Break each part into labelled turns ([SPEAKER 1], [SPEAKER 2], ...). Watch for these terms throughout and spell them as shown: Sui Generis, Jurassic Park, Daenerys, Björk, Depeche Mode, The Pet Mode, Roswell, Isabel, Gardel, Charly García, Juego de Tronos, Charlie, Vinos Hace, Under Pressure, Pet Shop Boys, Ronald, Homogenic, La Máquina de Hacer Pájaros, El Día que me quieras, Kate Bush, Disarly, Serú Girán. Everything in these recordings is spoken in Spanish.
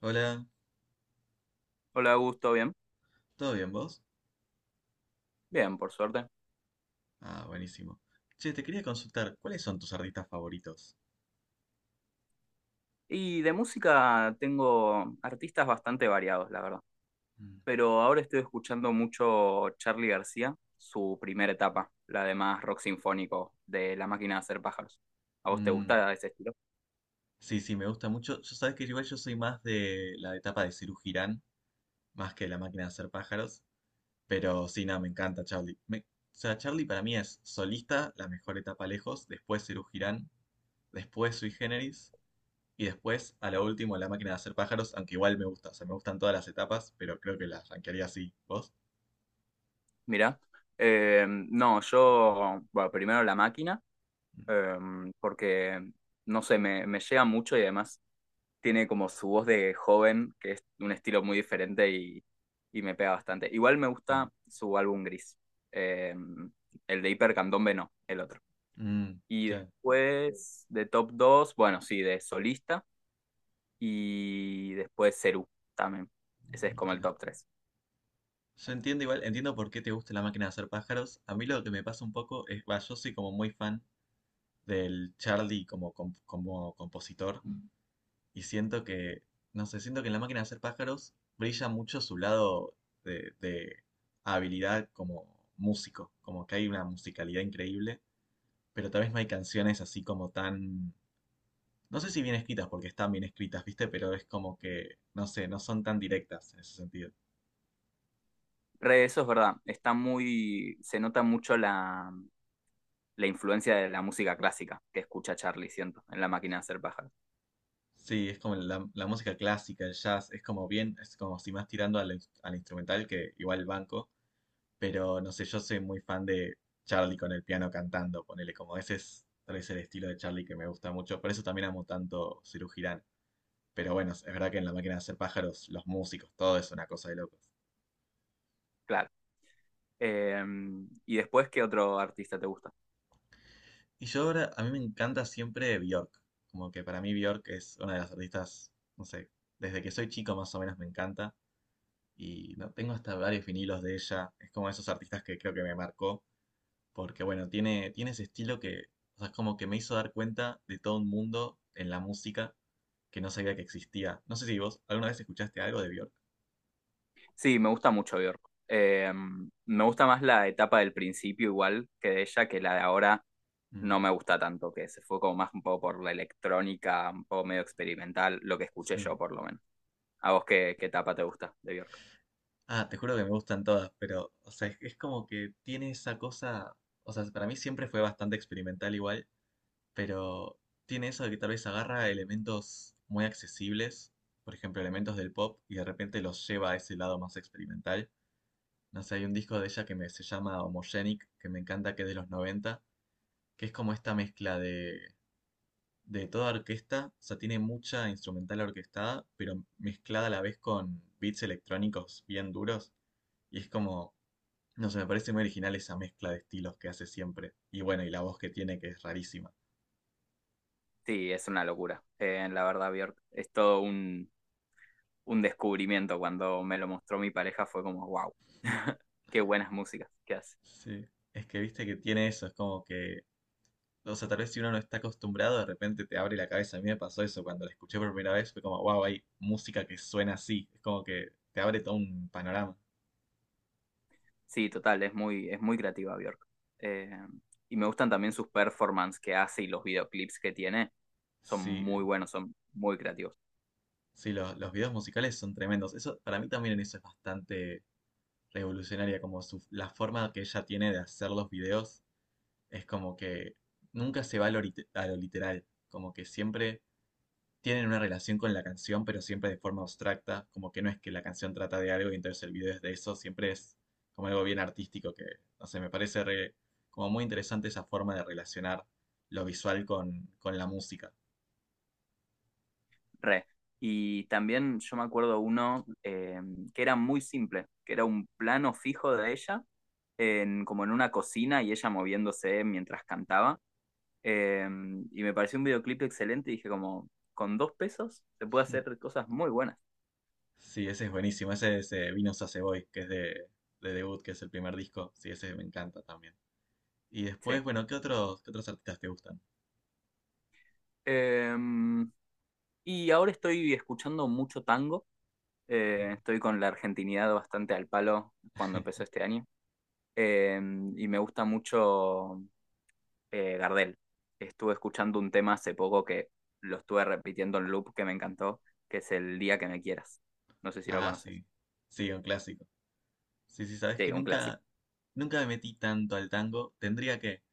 [SPEAKER 1] Hola,
[SPEAKER 2] Hola, Augusto, bien.
[SPEAKER 1] ¿todo bien vos?
[SPEAKER 2] Bien, por suerte.
[SPEAKER 1] Ah, buenísimo. Che, te quería consultar, ¿cuáles son tus artistas favoritos?
[SPEAKER 2] Y de música tengo artistas bastante variados, la verdad.
[SPEAKER 1] Mm.
[SPEAKER 2] Pero ahora estoy escuchando mucho Charly García, su primera etapa, la de más rock sinfónico de La Máquina de Hacer Pájaros. ¿A vos te
[SPEAKER 1] Mm,
[SPEAKER 2] gusta ese estilo?
[SPEAKER 1] sí, sí, me gusta mucho. Yo sabes que igual yo soy más de la etapa de Serú Girán, más que de la máquina de hacer pájaros, pero sí, nada, me encanta Charlie. O sea, Charlie para mí es solista, la mejor etapa lejos, después Serú Girán, después Sui Generis, y después, a lo último, la máquina de hacer pájaros, aunque igual me gusta, o sea, me gustan todas las etapas, pero creo que las rankearía así. ¿Vos?
[SPEAKER 2] Mirá. No, yo, bueno, primero La Máquina,
[SPEAKER 1] Mm,
[SPEAKER 2] eh, porque, no sé, me llega mucho y además tiene como su voz de joven, que es un estilo muy diferente y me pega bastante. Igual me
[SPEAKER 1] ah,
[SPEAKER 2] gusta su álbum gris, eh, el de Hiper Candombe no, el otro.
[SPEAKER 1] mm,
[SPEAKER 2] Y
[SPEAKER 1] claro,
[SPEAKER 2] después de Top 2 bueno, sí, de Solista y después Cerú también. Ese es como el
[SPEAKER 1] claro.
[SPEAKER 2] top tres.
[SPEAKER 1] Yo entiendo igual, entiendo por qué te gusta la máquina de hacer pájaros. A mí lo que me pasa un poco es, va, yo soy como muy fan del Charlie como compositor y siento que, no sé, siento que en la máquina de hacer pájaros brilla mucho su lado de habilidad como músico, como que hay una musicalidad increíble, pero tal vez no hay canciones así como tan, no sé si bien escritas, porque están bien escritas, ¿viste? Pero es como que, no sé, no son tan directas en ese sentido.
[SPEAKER 2] Re. Eso es verdad, está muy, se nota mucho la influencia de la música clásica que escucha Charlie, siento, en la máquina de hacer pájaros.
[SPEAKER 1] Sí, es como la música clásica, el jazz, es como bien, es como si más tirando al instrumental que igual el banco, pero no sé, yo soy muy fan de Charlie con el piano cantando, ponele como ese es tal vez el estilo de Charlie que me gusta mucho, por eso también amo tanto Ciru Girán. Pero bueno, es verdad que en La Máquina de Hacer Pájaros, los músicos, todo es una cosa de locos.
[SPEAKER 2] Claro. Eh, ¿Y después qué otro artista te gusta?
[SPEAKER 1] Y yo ahora, a mí me encanta siempre Bjork, como que para mí Bjork es una de las artistas, no sé, desde que soy chico más o menos me encanta. Y no tengo hasta varios vinilos de ella. Es como esos artistas que creo que me marcó, porque bueno, tiene, tiene ese estilo que, o sea, es como que me hizo dar cuenta de todo un mundo en la música que no sabía que existía. No sé si vos alguna vez escuchaste algo de Björk.
[SPEAKER 2] Sí, me gusta mucho Björk. Eh, Me gusta más la etapa del principio igual que de ella, que la de ahora
[SPEAKER 1] Mm,
[SPEAKER 2] no me gusta tanto, que se fue como más un poco por la electrónica, un poco medio experimental, lo que escuché
[SPEAKER 1] sí.
[SPEAKER 2] yo por lo menos. ¿A vos qué etapa te gusta de Björk?
[SPEAKER 1] Ah, te juro que me gustan todas, pero, o sea, es como que tiene esa cosa, o sea, para mí siempre fue bastante experimental igual, pero tiene eso de que tal vez agarra elementos muy accesibles, por ejemplo, elementos del pop, y de repente los lleva a ese lado más experimental. No sé, hay un disco de ella que me, se llama Homogenic, que me encanta, que es de los noventa, que es como esta mezcla de toda orquesta, o sea, tiene mucha instrumental orquestada, pero mezclada a la vez con beats electrónicos bien duros, y es como, no sé, me parece muy original esa mezcla de estilos que hace siempre. Y bueno, y la voz que tiene, que es rarísima.
[SPEAKER 2] Sí, es una locura. La verdad, Björk, es todo un descubrimiento. Cuando me lo mostró mi pareja fue como, wow, qué buenas músicas que hace.
[SPEAKER 1] Sí, es que viste que tiene eso, es como que o sea, tal vez si uno no está acostumbrado, de repente te abre la cabeza. A mí me pasó eso cuando la escuché por primera vez, fue como, wow, hay música que suena así. Es como que te abre todo un panorama.
[SPEAKER 2] Sí, total, es muy creativa Bjork. Eh, y me gustan también sus performances que hace y los videoclips que tiene. Son muy
[SPEAKER 1] Sí,
[SPEAKER 2] buenos, son muy creativos.
[SPEAKER 1] sí, los videos musicales son tremendos. Eso, para mí también en eso es bastante revolucionaria, como su, la forma que ella tiene de hacer los videos es como que nunca se va a lo, a lo literal, como que siempre tienen una relación con la canción, pero siempre de forma abstracta, como que no es que la canción trata de algo y entonces el video es de eso, siempre es como algo bien artístico que, no sé, me parece re- como muy interesante esa forma de relacionar lo visual con la música.
[SPEAKER 2] Re. Y también yo me acuerdo uno que era muy simple, que era un plano fijo de ella, en, como en una cocina y ella moviéndose mientras cantaba. Eh, y me pareció un videoclip excelente y dije como, con dos pesos se puede hacer cosas muy buenas.
[SPEAKER 1] Sí, ese es buenísimo, ese es Vinos Hace, que es de debut, que es el primer disco, sí, ese me encanta también. Y después,
[SPEAKER 2] Sí.
[SPEAKER 1] bueno, qué otros artistas te gustan?
[SPEAKER 2] Eh, y ahora estoy escuchando mucho tango. Estoy con la argentinidad bastante al palo cuando empezó este año. Eh, y me gusta mucho Gardel. Estuve escuchando un tema hace poco que lo estuve repitiendo en loop que me encantó, que es El Día que me quieras. No sé si lo
[SPEAKER 1] Ah,
[SPEAKER 2] conoces.
[SPEAKER 1] sí. Sí, un clásico. Sí, sí, sabes
[SPEAKER 2] Sí,
[SPEAKER 1] que
[SPEAKER 2] un clásico.
[SPEAKER 1] nunca, nunca me metí tanto al tango. Tendría que,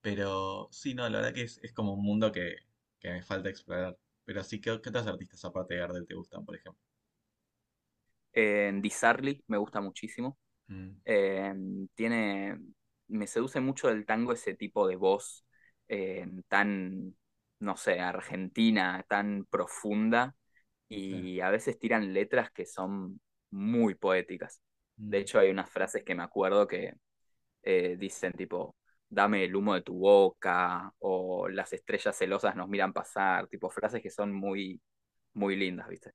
[SPEAKER 1] pero sí, no, la verdad que es como un mundo que me falta explorar. Pero sí, ¿qué, qué otros artistas aparte de Gardel te gustan, por ejemplo?
[SPEAKER 2] Disarly me gusta muchísimo.
[SPEAKER 1] Mm,
[SPEAKER 2] Eh, Tiene, me seduce mucho el tango ese tipo de voz tan, no sé, argentina, tan profunda
[SPEAKER 1] claro,
[SPEAKER 2] y a veces tiran letras que son muy poéticas. De
[SPEAKER 1] mm,
[SPEAKER 2] hecho, hay unas frases que me acuerdo que dicen tipo, dame el humo de tu boca o las estrellas celosas nos miran pasar, tipo frases que son muy, muy lindas, ¿viste?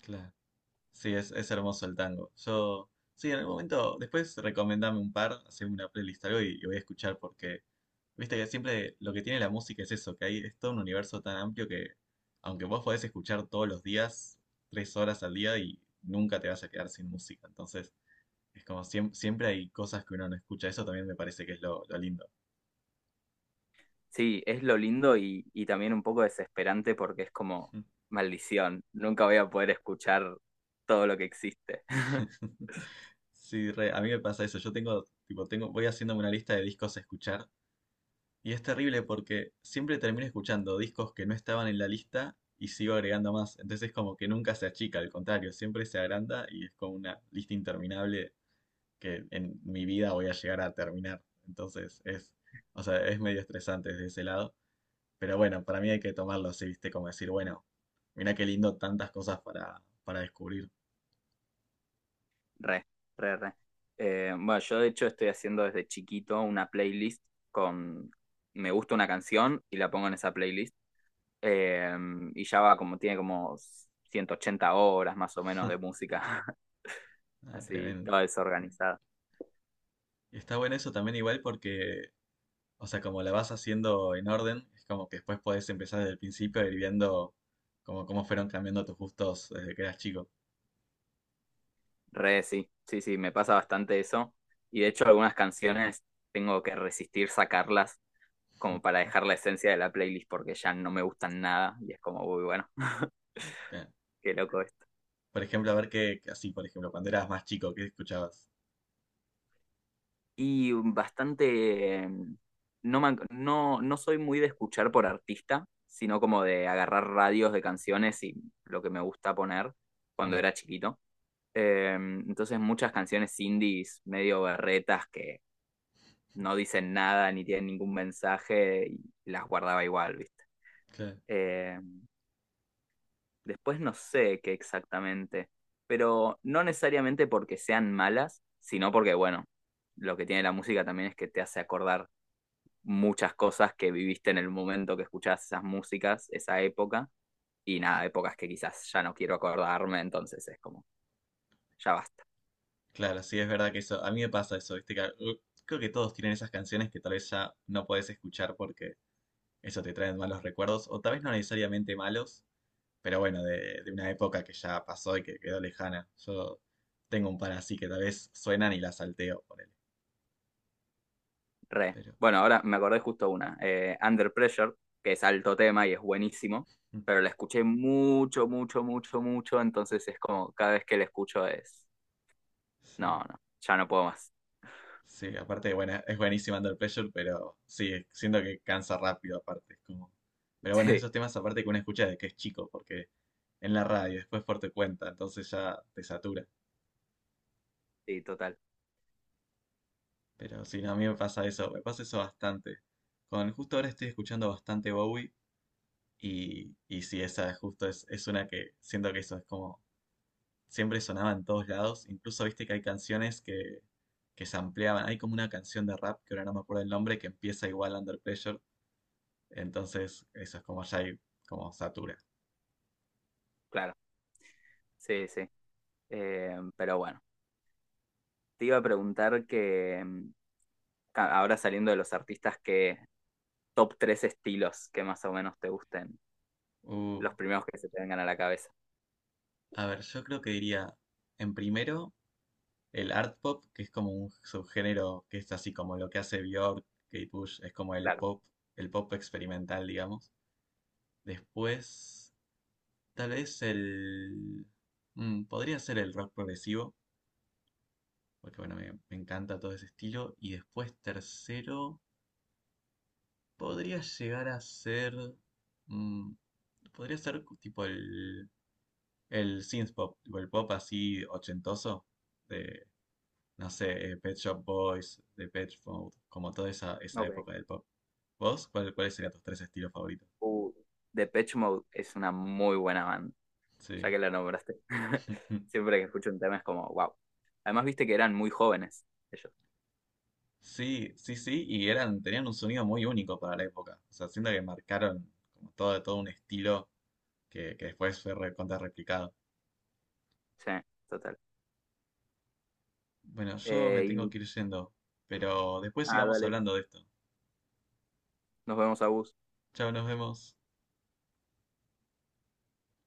[SPEAKER 1] claro. Sí, es hermoso el tango. Yo, sí, en algún momento, después recomendame un par, haceme una playlist algo y voy a escuchar porque, viste que siempre lo que tiene la música es eso, que hay, es todo un universo tan amplio que, aunque vos podés escuchar todos los días, 3 horas al día y nunca te vas a quedar sin música. Entonces, es como siempre hay cosas que uno no escucha. Eso también me parece que es lo lindo.
[SPEAKER 2] Sí, es lo lindo y también un poco desesperante porque es como, maldición, nunca voy a poder escuchar todo lo que existe.
[SPEAKER 1] Sí, re, a mí me pasa eso. Yo tengo, tipo, tengo, voy haciéndome una lista de discos a escuchar y es terrible porque siempre termino escuchando discos que no estaban en la lista y sigo agregando más. Entonces es como que nunca se achica, al contrario, siempre se agranda y es como una lista interminable que en mi vida voy a llegar a terminar. Entonces es, o sea, es medio estresante desde ese lado. Pero bueno, para mí hay que tomarlo así, ¿viste? Como decir, bueno, mira qué lindo tantas cosas para descubrir.
[SPEAKER 2] Re, re, re. Bueno, yo de hecho estoy haciendo desde chiquito una playlist con... Me gusta una canción y la pongo en esa playlist. eh, y ya va como, tiene como 180 horas más o menos de música.
[SPEAKER 1] Ah,
[SPEAKER 2] Así,
[SPEAKER 1] tremendo.
[SPEAKER 2] toda desorganizada.
[SPEAKER 1] Y está bueno eso también igual porque, o sea, como la vas haciendo en orden, es como que después podés empezar desde el principio a ir viendo como cómo fueron cambiando tus gustos desde que eras chico.
[SPEAKER 2] Re, sí, sí, sí, me pasa bastante eso. Y de hecho algunas canciones tengo que resistir sacarlas como para dejar la esencia de la playlist porque ya no me gustan nada. Y es como, uy, bueno,
[SPEAKER 1] Claro.
[SPEAKER 2] qué loco.
[SPEAKER 1] Por ejemplo, a ver qué, qué- así, por ejemplo, cuando eras más chico, ¿qué escuchabas?
[SPEAKER 2] Y bastante, eh, no, no, no soy muy de escuchar por artista, sino como de agarrar radios de canciones y lo que me gusta poner cuando
[SPEAKER 1] Mm,
[SPEAKER 2] era chiquito. Entonces muchas canciones indies medio berretas que no dicen nada ni tienen ningún mensaje y las guardaba igual, ¿viste?
[SPEAKER 1] claro,
[SPEAKER 2] Eh, Después no sé qué exactamente, pero no necesariamente porque sean malas, sino porque, bueno, lo que tiene la música también es que te hace acordar muchas cosas que viviste en el momento que escuchás esas músicas, esa época, y nada, épocas que quizás ya no quiero acordarme, entonces es como, ya basta,
[SPEAKER 1] claro, sí, es verdad que eso, a mí me pasa eso, ¿viste? Que, creo que todos tienen esas canciones que tal vez ya no podés escuchar, eso te trae malos recuerdos, o tal vez no necesariamente malos, pero bueno, de una época que ya pasó y que quedó lejana. Yo tengo un par así que tal vez suenan y las salteo, ponele.
[SPEAKER 2] re.
[SPEAKER 1] Pero
[SPEAKER 2] Bueno, ahora me acordé justo una, Under Pressure, que es alto tema y es buenísimo,
[SPEAKER 1] mm,
[SPEAKER 2] pero la escuché mucho, mucho, mucho, mucho, entonces es como, cada vez que la escucho es, no,
[SPEAKER 1] sí,
[SPEAKER 2] no, ya no puedo más.
[SPEAKER 1] sí, aparte, bueno, es buenísimo Under Pressure, pero sí, es- siento que cansa rápido, aparte. Es como... Pero bueno, es de esos temas aparte que uno escucha desde que es chico, porque en la radio, después por tu cuenta, entonces ya te satura.
[SPEAKER 2] Sí, sí, total,
[SPEAKER 1] Pero sí, no, a mí me pasa eso bastante. Con, justo ahora estoy escuchando bastante Bowie. Y sí, esa justo es una que siento que eso es como siempre sonaba en todos lados. Incluso viste que hay canciones que se ampliaban. Hay como una canción de rap, que ahora no me acuerdo el nombre, que empieza igual Under Pressure. Entonces, eso es como ya hay, como satura.
[SPEAKER 2] claro, sí, sí. Pero bueno, te iba a preguntar que ahora saliendo de los artistas que top tres estilos que más o menos te gusten.
[SPEAKER 1] Uh,
[SPEAKER 2] Los primeros que se te vengan a la cabeza.
[SPEAKER 1] a ver, yo creo que diría, en primero, el art pop, que es como un subgénero que es así como lo que hace Björk, Kate Bush, es como
[SPEAKER 2] Claro.
[SPEAKER 1] el pop experimental, digamos. Después, tal vez el... mm, podría ser el rock progresivo, porque bueno, me encanta todo ese estilo. Y después, tercero, podría llegar a ser... mm, podría ser tipo el synth pop, tipo el pop así ochentoso, de no sé, Pet Shop Boys, The Pet Mode, como toda esa
[SPEAKER 2] Ok.
[SPEAKER 1] época del pop. ¿Vos? ¿Cuál, cuáles serían tus tres estilos favoritos?
[SPEAKER 2] Uh, Depeche Mode es una muy buena banda, ya
[SPEAKER 1] Sí.
[SPEAKER 2] que la nombraste. Siempre que escucho un tema es como, wow. Además, viste que eran muy jóvenes ellos.
[SPEAKER 1] Sí, sí, sí, y eran, tenían un sonido muy único para la época. O sea, siento que marcaron como todo, todo un estilo que después fue recontra replicado.
[SPEAKER 2] Sí, total.
[SPEAKER 1] Bueno, yo me
[SPEAKER 2] Eh,
[SPEAKER 1] tengo
[SPEAKER 2] y,
[SPEAKER 1] que ir yendo, pero después
[SPEAKER 2] ah,
[SPEAKER 1] sigamos
[SPEAKER 2] dale.
[SPEAKER 1] hablando de esto.
[SPEAKER 2] Nos vemos a vos.
[SPEAKER 1] Chao, nos vemos.